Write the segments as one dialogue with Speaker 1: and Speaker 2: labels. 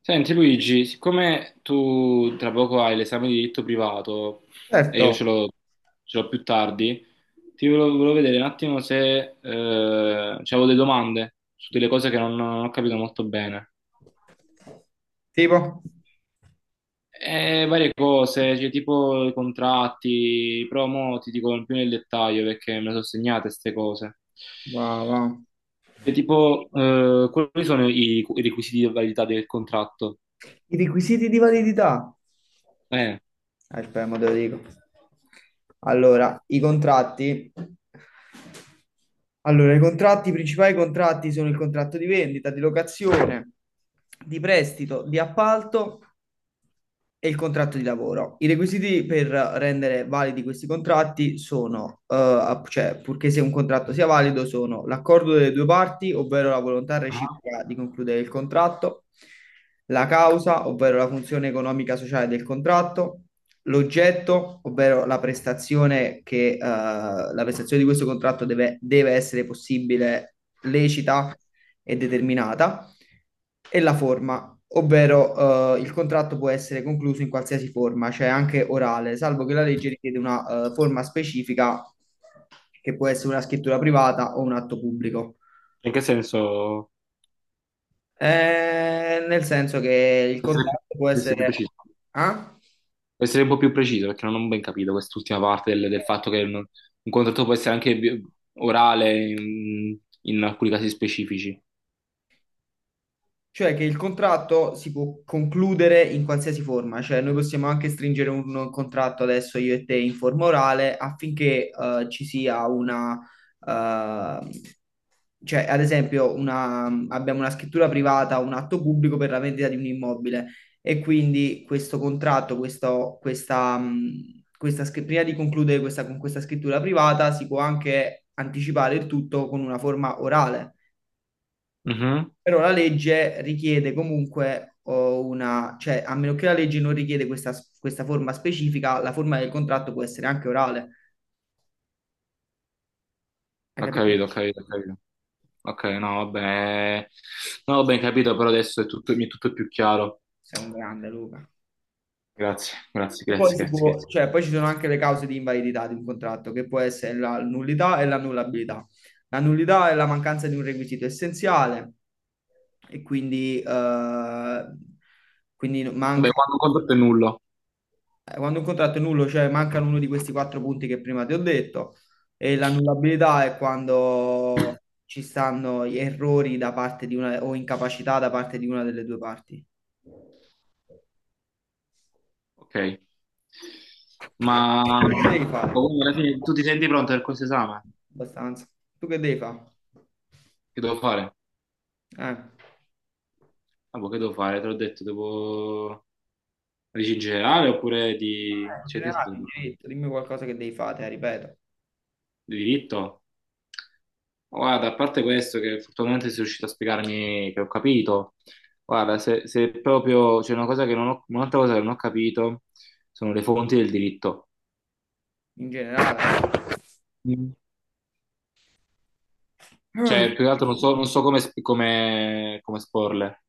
Speaker 1: Senti Luigi, siccome tu tra poco hai l'esame di diritto privato e
Speaker 2: Certo,
Speaker 1: io ce l'ho più tardi, volevo vedere un attimo se c'avevo delle domande su delle cose che non ho capito molto bene.
Speaker 2: tipo,
Speaker 1: E varie cose, cioè, tipo i contratti, però mo ti dico più nel dettaglio perché me le sono segnate queste cose.
Speaker 2: va, va.
Speaker 1: E tipo, quali sono i requisiti di validità del contratto?
Speaker 2: I requisiti di validità.
Speaker 1: Eh,
Speaker 2: Aspetta, mo te lo dico. Allora, i contratti. Allora, i contratti, i principali contratti sono il contratto di vendita, di locazione, di prestito, di appalto e il contratto di lavoro. I requisiti per rendere validi questi contratti sono, cioè, purché sia un contratto sia valido, sono l'accordo delle due parti, ovvero la volontà
Speaker 1: Ah.
Speaker 2: reciproca di concludere il contratto, la causa, ovvero la funzione economica sociale del contratto, l'oggetto, ovvero la prestazione di questo contratto deve essere possibile, lecita e determinata e la forma, ovvero il contratto può essere concluso in qualsiasi forma, cioè anche orale, salvo che la legge richiede una forma specifica che può essere una scrittura privata o un atto pubblico.
Speaker 1: In che senso?
Speaker 2: Nel senso che il
Speaker 1: essere
Speaker 2: contratto può
Speaker 1: più, essere più
Speaker 2: essere.
Speaker 1: preciso.
Speaker 2: Ah?
Speaker 1: Devo essere un po' più preciso perché non ho ben capito quest'ultima parte del fatto che non- un contratto può essere anche orale in alcuni casi specifici.
Speaker 2: Cioè che il contratto si può concludere in qualsiasi forma, cioè noi possiamo anche stringere un contratto adesso io e te in forma orale affinché ci sia una, eh, cioè, ad esempio, abbiamo una scrittura privata, un atto pubblico per la vendita di un immobile e quindi questo contratto, questa, prima di concludere con questa scrittura privata, si può anche anticipare il tutto con una forma orale.
Speaker 1: Mhm.
Speaker 2: Però la legge richiede comunque cioè, a meno che la legge non richiede questa forma specifica, la forma del contratto può essere anche orale. Hai
Speaker 1: Ho
Speaker 2: capito?
Speaker 1: capito, ho capito, ho capito. Ok, no, vabbè. Non ho ben capito, però adesso mi è tutto più chiaro.
Speaker 2: Sei un grande, Luca.
Speaker 1: Grazie, grazie,
Speaker 2: E poi,
Speaker 1: grazie, grazie, grazie.
Speaker 2: cioè, poi ci sono anche le cause di invalidità di un contratto, che può essere la nullità e l'annullabilità. La nullità è la mancanza di un requisito essenziale e quindi, quindi manca,
Speaker 1: Vabbè, quando un contratto è nullo.
Speaker 2: quando un contratto è nullo, cioè mancano uno di questi quattro punti che prima ti ho detto, e l'annullabilità è quando ci stanno gli errori da parte di una o incapacità da parte di una delle due parti.
Speaker 1: Ok. Ma
Speaker 2: Che
Speaker 1: ma
Speaker 2: devi fare?
Speaker 1: quindi alla fine tu ti senti pronto per questo esame?
Speaker 2: Abbastanza. Tu che devi fare?
Speaker 1: Che devo fare?
Speaker 2: Eh.
Speaker 1: Ah, boh, che devo fare? Te l'ho detto, devo legge in generale oppure di.
Speaker 2: In
Speaker 1: Cioè, che è
Speaker 2: generale,
Speaker 1: stato
Speaker 2: in
Speaker 1: di
Speaker 2: diritto, dimmi qualcosa che devi fare, te, ripeto,
Speaker 1: di diritto? Guarda, a parte questo che fortunatamente sei riuscito a spiegarmi che ho capito, guarda, se proprio c'è una cosa che non ho, un'altra cosa che non ho capito sono le fonti del diritto.
Speaker 2: in generale.
Speaker 1: Mm. Cioè, più che altro non so come esporle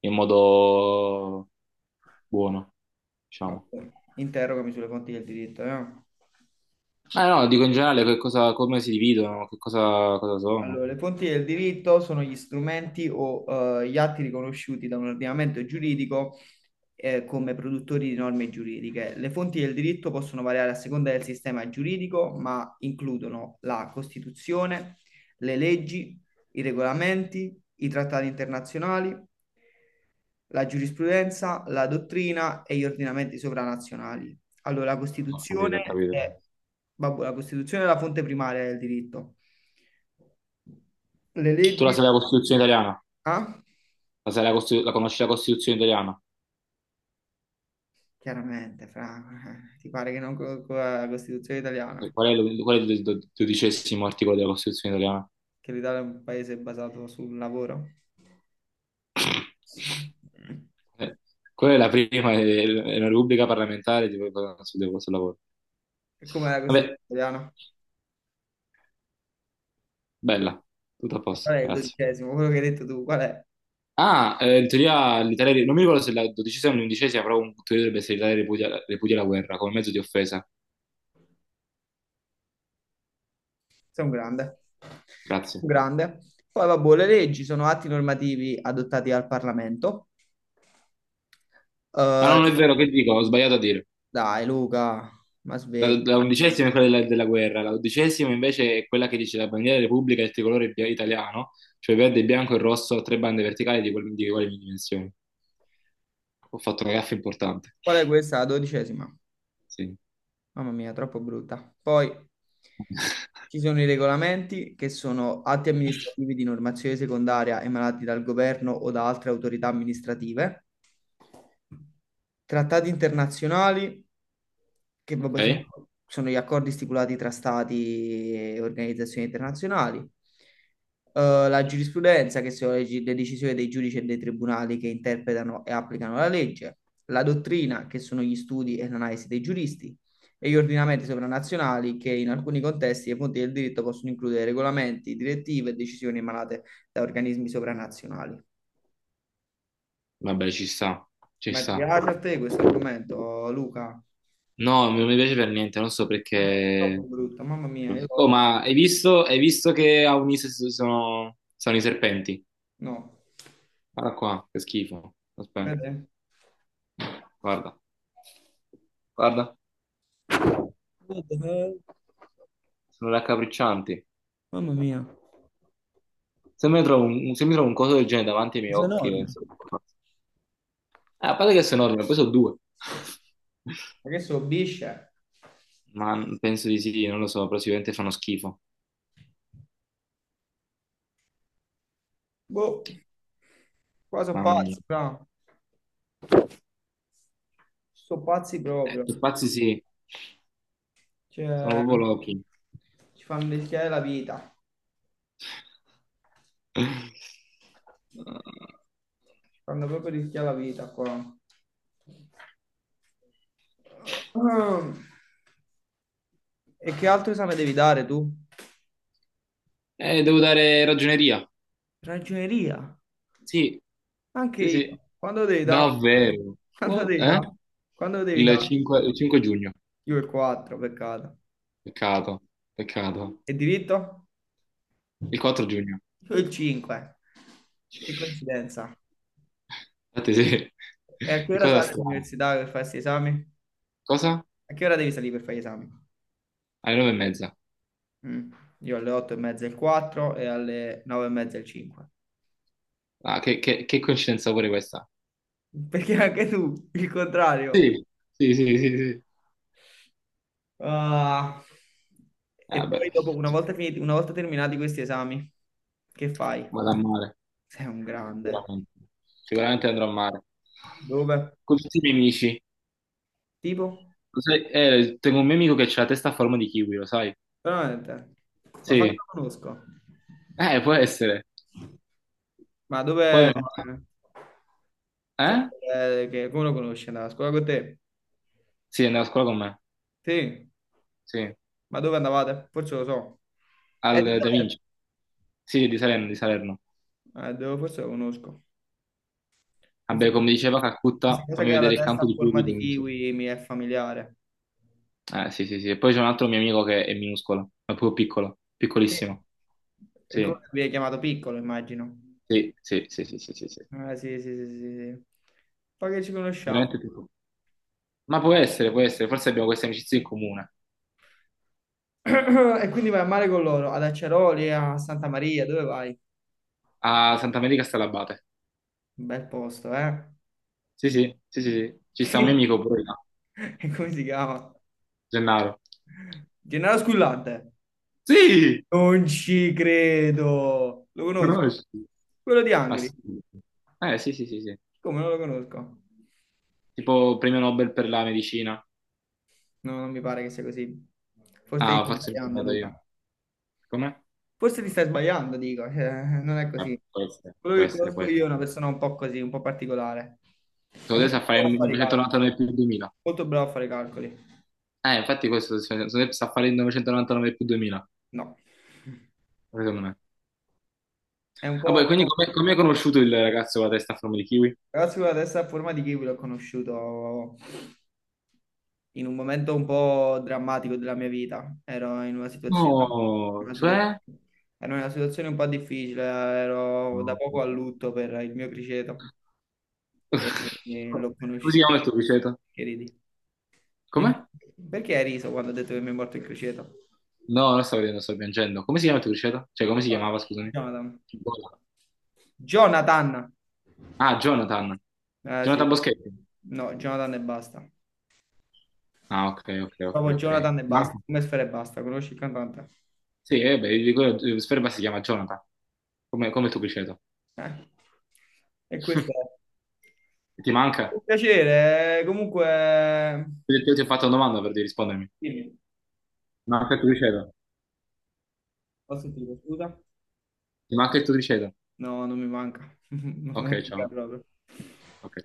Speaker 1: in modo buono, diciamo.
Speaker 2: Vabbè, interrogami sulle fonti del diritto, eh.
Speaker 1: Ah, no, dico in generale che cosa, come si dividono, che cosa sono.
Speaker 2: Allora, le fonti del diritto sono gli strumenti o gli atti riconosciuti da un ordinamento giuridico come produttori di norme giuridiche. Le fonti del diritto possono variare a seconda del sistema giuridico, ma includono la Costituzione, le leggi, i regolamenti, i trattati internazionali, la giurisprudenza, la dottrina e gli ordinamenti sovranazionali. Allora, la
Speaker 1: No, ho capito, ho
Speaker 2: Costituzione
Speaker 1: capito.
Speaker 2: è, vabbè, la Costituzione è la fonte primaria del diritto. Le
Speaker 1: Tu la
Speaker 2: leggi.
Speaker 1: sai la Costituzione italiana?
Speaker 2: Ah,
Speaker 1: La conosci la Costituzione italiana?
Speaker 2: chiaramente, fra. Ti pare che non la Costituzione
Speaker 1: E
Speaker 2: italiana,
Speaker 1: qual è il dodicesimo articolo della Costituzione italiana?
Speaker 2: che l'Italia è un paese basato sul lavoro.
Speaker 1: Eh, Quella è la prima, è una repubblica parlamentare tipo, sul lavoro.
Speaker 2: E com'è la Costituzione
Speaker 1: Vabbè,
Speaker 2: italiana?
Speaker 1: bella, tutto a
Speaker 2: Qual
Speaker 1: posto,
Speaker 2: è il
Speaker 1: grazie.
Speaker 2: dodicesimo? Quello che hai detto tu, qual è?
Speaker 1: Ah, in teoria l'Italia, non mi ricordo se è la dodicesima o l'undicesima, però in teoria dovrebbe essere l'Italia ripudia, la guerra come mezzo di offesa.
Speaker 2: Sei un grande.
Speaker 1: Grazie.
Speaker 2: Un grande. Poi, vabbè, le leggi sono atti normativi adottati dal Parlamento.
Speaker 1: Ah, no,
Speaker 2: Eh,
Speaker 1: non è vero, che dico? Ho sbagliato a dire.
Speaker 2: dai, Luca, ma
Speaker 1: La,
Speaker 2: svegli.
Speaker 1: la undicesima è quella della guerra, la dodicesima invece è quella che dice la bandiera della Repubblica è il tricolore italiano, cioè verde, bianco e rosso a tre bande verticali di uguali dimensioni. Ho fatto una gaffa importante.
Speaker 2: Qual è questa? La dodicesima.
Speaker 1: Sì.
Speaker 2: Mamma mia, troppo brutta. Poi ci sono i regolamenti che sono atti amministrativi di normazione secondaria emanati dal governo o da altre autorità amministrative. Trattati internazionali, che vabbè sono,
Speaker 1: Ok,
Speaker 2: sono gli accordi stipulati tra stati e organizzazioni internazionali. La giurisprudenza, che sono le decisioni dei giudici e dei tribunali che interpretano e applicano la legge. La dottrina, che sono gli studi e l'analisi dei giuristi. E gli ordinamenti sovranazionali, che in alcuni contesti e fonti del diritto possono includere regolamenti, direttive e decisioni emanate da organismi sovranazionali.
Speaker 1: vabbè, ci sta, ci
Speaker 2: Ma
Speaker 1: sta.
Speaker 2: piace a te questo argomento, Luca?
Speaker 1: No, non mi piace per niente, non so
Speaker 2: Ma no, è troppo
Speaker 1: perché.
Speaker 2: brutto, mamma mia, io lo
Speaker 1: Oh,
Speaker 2: odio.
Speaker 1: ma hai visto che a Unise sono i serpenti?
Speaker 2: No.
Speaker 1: Guarda qua, che schifo. Aspetta,
Speaker 2: Vede?
Speaker 1: guarda, guarda.
Speaker 2: Guarda,
Speaker 1: Sono raccapriccianti.
Speaker 2: mamma mia,
Speaker 1: Se mi trovo se mi trovo un coso del genere davanti ai miei
Speaker 2: sono
Speaker 1: occhi,
Speaker 2: enorme.
Speaker 1: penso, che faccio. Ah, a parte che sono enorme, poi sono due.
Speaker 2: Ma che so, bisce?
Speaker 1: Ma penso di sì, non lo so, però sicuramente fanno schifo.
Speaker 2: Boh, qua sono
Speaker 1: Mamma mia.
Speaker 2: pazzi, però. Sono pazzi proprio.
Speaker 1: Pazzi sì, sono
Speaker 2: Cioè,
Speaker 1: proprio lochi.
Speaker 2: ci fanno rischiare la vita.
Speaker 1: Eh,
Speaker 2: Ci fanno proprio rischiare la vita qua. Ah. E che altro esame devi dare tu?
Speaker 1: devo dare ragioneria.
Speaker 2: Ragioneria.
Speaker 1: Sì,
Speaker 2: Anche
Speaker 1: sì, sì.
Speaker 2: io. Quando devi da?
Speaker 1: Davvero.
Speaker 2: Quando
Speaker 1: What?
Speaker 2: devi
Speaker 1: Eh?
Speaker 2: da? Quando devi da?
Speaker 1: Il 5, il 5 giugno.
Speaker 2: Io il 4, peccato.
Speaker 1: Peccato, peccato.
Speaker 2: E diritto?
Speaker 1: Il 4 giugno.
Speaker 2: Io il 5. Che coincidenza.
Speaker 1: Infatti sì,
Speaker 2: E a che
Speaker 1: che
Speaker 2: ora
Speaker 1: cosa
Speaker 2: sali
Speaker 1: strana.
Speaker 2: all'università per fare questi esami?
Speaker 1: Cosa?
Speaker 2: A che ora devi salire per fare gli esami?
Speaker 1: Alle 9:30.
Speaker 2: Mm. Io alle 8 e mezza il 4 e alle 9 e mezza il 5.
Speaker 1: Ah, che coincidenza pure questa.
Speaker 2: Perché anche tu, il contrario.
Speaker 1: Sì, sì, sì, sì, sì.
Speaker 2: Ah. E
Speaker 1: Ah, beh,
Speaker 2: poi dopo, una volta terminati questi esami, che fai?
Speaker 1: vado a mare,
Speaker 2: Sei un grande.
Speaker 1: sicuramente. Sicuramente andrò a mare.
Speaker 2: Dove?
Speaker 1: Con tutti i miei amici.
Speaker 2: Tipo?
Speaker 1: Lo sai, tengo un mio amico che ha la testa a forma di kiwi, lo sai?
Speaker 2: Veramente? Ma fai che
Speaker 1: Sì.
Speaker 2: la conosco.
Speaker 1: Può essere.
Speaker 2: Ma dove.
Speaker 1: Poi.
Speaker 2: Cioè,
Speaker 1: Eh?
Speaker 2: che, come lo conosci? Andava a scuola con te?
Speaker 1: Sì, andava a scuola con me.
Speaker 2: Sì.
Speaker 1: Sì.
Speaker 2: Ma dove andavate? Forse lo so. Di
Speaker 1: Al Da
Speaker 2: dove?
Speaker 1: Vinci. Sì, di Salerno, di Salerno.
Speaker 2: Forse lo conosco. Forse
Speaker 1: Vabbè,
Speaker 2: lo
Speaker 1: come
Speaker 2: conosco.
Speaker 1: diceva
Speaker 2: Questa
Speaker 1: Calcutta,
Speaker 2: cosa
Speaker 1: fammi
Speaker 2: che ha la
Speaker 1: vedere il
Speaker 2: testa
Speaker 1: campo
Speaker 2: a
Speaker 1: di
Speaker 2: forma
Speaker 1: Pluto.
Speaker 2: di kiwi mi è familiare.
Speaker 1: Sì, sì, sì. E poi c'è un altro mio amico che è minuscolo, è proprio piccolo,
Speaker 2: Sì.
Speaker 1: piccolissimo.
Speaker 2: E
Speaker 1: Sì,
Speaker 2: come vi hai chiamato piccolo, immagino.
Speaker 1: sì, sì, sì, sì, sì, sì, sì. È
Speaker 2: Ah, sì, sì, sì, sì, sì. Poi che ci conosciamo.
Speaker 1: veramente piccolo. Ma può essere, può essere. Forse abbiamo queste amicizie in comune.
Speaker 2: E quindi vai a mare con loro, ad Aceroli, a Santa Maria, dove vai?
Speaker 1: A Santa Maria Stalabate.
Speaker 2: Un bel posto, eh?
Speaker 1: Sì, sì, sì, sì, sì. Ci sta un mio amico pure là,
Speaker 2: E come si chiama?
Speaker 1: Gennaro.
Speaker 2: Gennaro Squillante.
Speaker 1: Sì,
Speaker 2: Non ci credo. Lo conosco.
Speaker 1: conosci.
Speaker 2: Quello di Angri.
Speaker 1: Assolutamente. Sì, sì, sì, sì.
Speaker 2: Come non lo conosco?
Speaker 1: Tipo premio Nobel per la medicina.
Speaker 2: No, non mi pare che sia così. Forse ti
Speaker 1: Ah,
Speaker 2: stai
Speaker 1: forse mi sono
Speaker 2: sbagliando,
Speaker 1: andato io.
Speaker 2: Luca.
Speaker 1: Com'è?
Speaker 2: Forse ti stai sbagliando, dico, non è
Speaker 1: Vabbè,
Speaker 2: così.
Speaker 1: può essere,
Speaker 2: Quello
Speaker 1: può
Speaker 2: che
Speaker 1: essere, può
Speaker 2: conosco
Speaker 1: essere.
Speaker 2: io è una persona un po' così, un po' particolare. È
Speaker 1: Sono adesso
Speaker 2: molto
Speaker 1: a fare il
Speaker 2: bravo a fare i calcoli.
Speaker 1: 1999 più il 2000.
Speaker 2: Molto bravo a fare i calcoli.
Speaker 1: Infatti questo se sta a fare il 999 più 2000,
Speaker 2: No.
Speaker 1: secondo me.
Speaker 2: È un
Speaker 1: Ah,
Speaker 2: po'.
Speaker 1: poi, quindi come hai conosciuto il ragazzo con la testa a forma di kiwi?
Speaker 2: Però sicuramente adesso è a forma di kiwi l'ho conosciuto in un momento un po' drammatico della mia vita. Ero in una situazione,
Speaker 1: No,
Speaker 2: una situa-
Speaker 1: cioè.
Speaker 2: ero in una situazione un po' difficile, ero da
Speaker 1: No.
Speaker 2: poco a lutto per il mio criceto e, e
Speaker 1: Come
Speaker 2: l'ho
Speaker 1: si
Speaker 2: conosciuto.
Speaker 1: chiama il tuo criceto?
Speaker 2: Che ridi? Mi-
Speaker 1: Come?
Speaker 2: Perché hai riso quando ho detto che mi è morto il criceto?
Speaker 1: No, non stavo ridendo, sto piangendo. Come si chiama il tuo criceto? Cioè, come si chiamava, scusami?
Speaker 2: Jonathan.
Speaker 1: Bona.
Speaker 2: Jonathan.
Speaker 1: Ah, Jonathan.
Speaker 2: Ah, sì.
Speaker 1: Jonathan Boschetti.
Speaker 2: No, Jonathan e basta.
Speaker 1: Ah, ok, ok, ok,
Speaker 2: Proprio
Speaker 1: ok.
Speaker 2: Jonathan e
Speaker 1: Ah,
Speaker 2: basta. Come Sfera e basta. Conosci il cantante?
Speaker 1: sì, beh, di quello, Sperba si chiama Jonathan, come il tuo criceto.
Speaker 2: Eh, E questo è
Speaker 1: Ti manca?
Speaker 2: un piacere. Comunque,
Speaker 1: Io ti ho fatto una domanda per di rispondermi.
Speaker 2: dimmi,
Speaker 1: Manca il tricipite.
Speaker 2: ho sentito, scusa?
Speaker 1: Ti manca il tricipite.
Speaker 2: No, non mi manca, non mi
Speaker 1: Ok,
Speaker 2: manca
Speaker 1: ciao.
Speaker 2: proprio.
Speaker 1: Ok.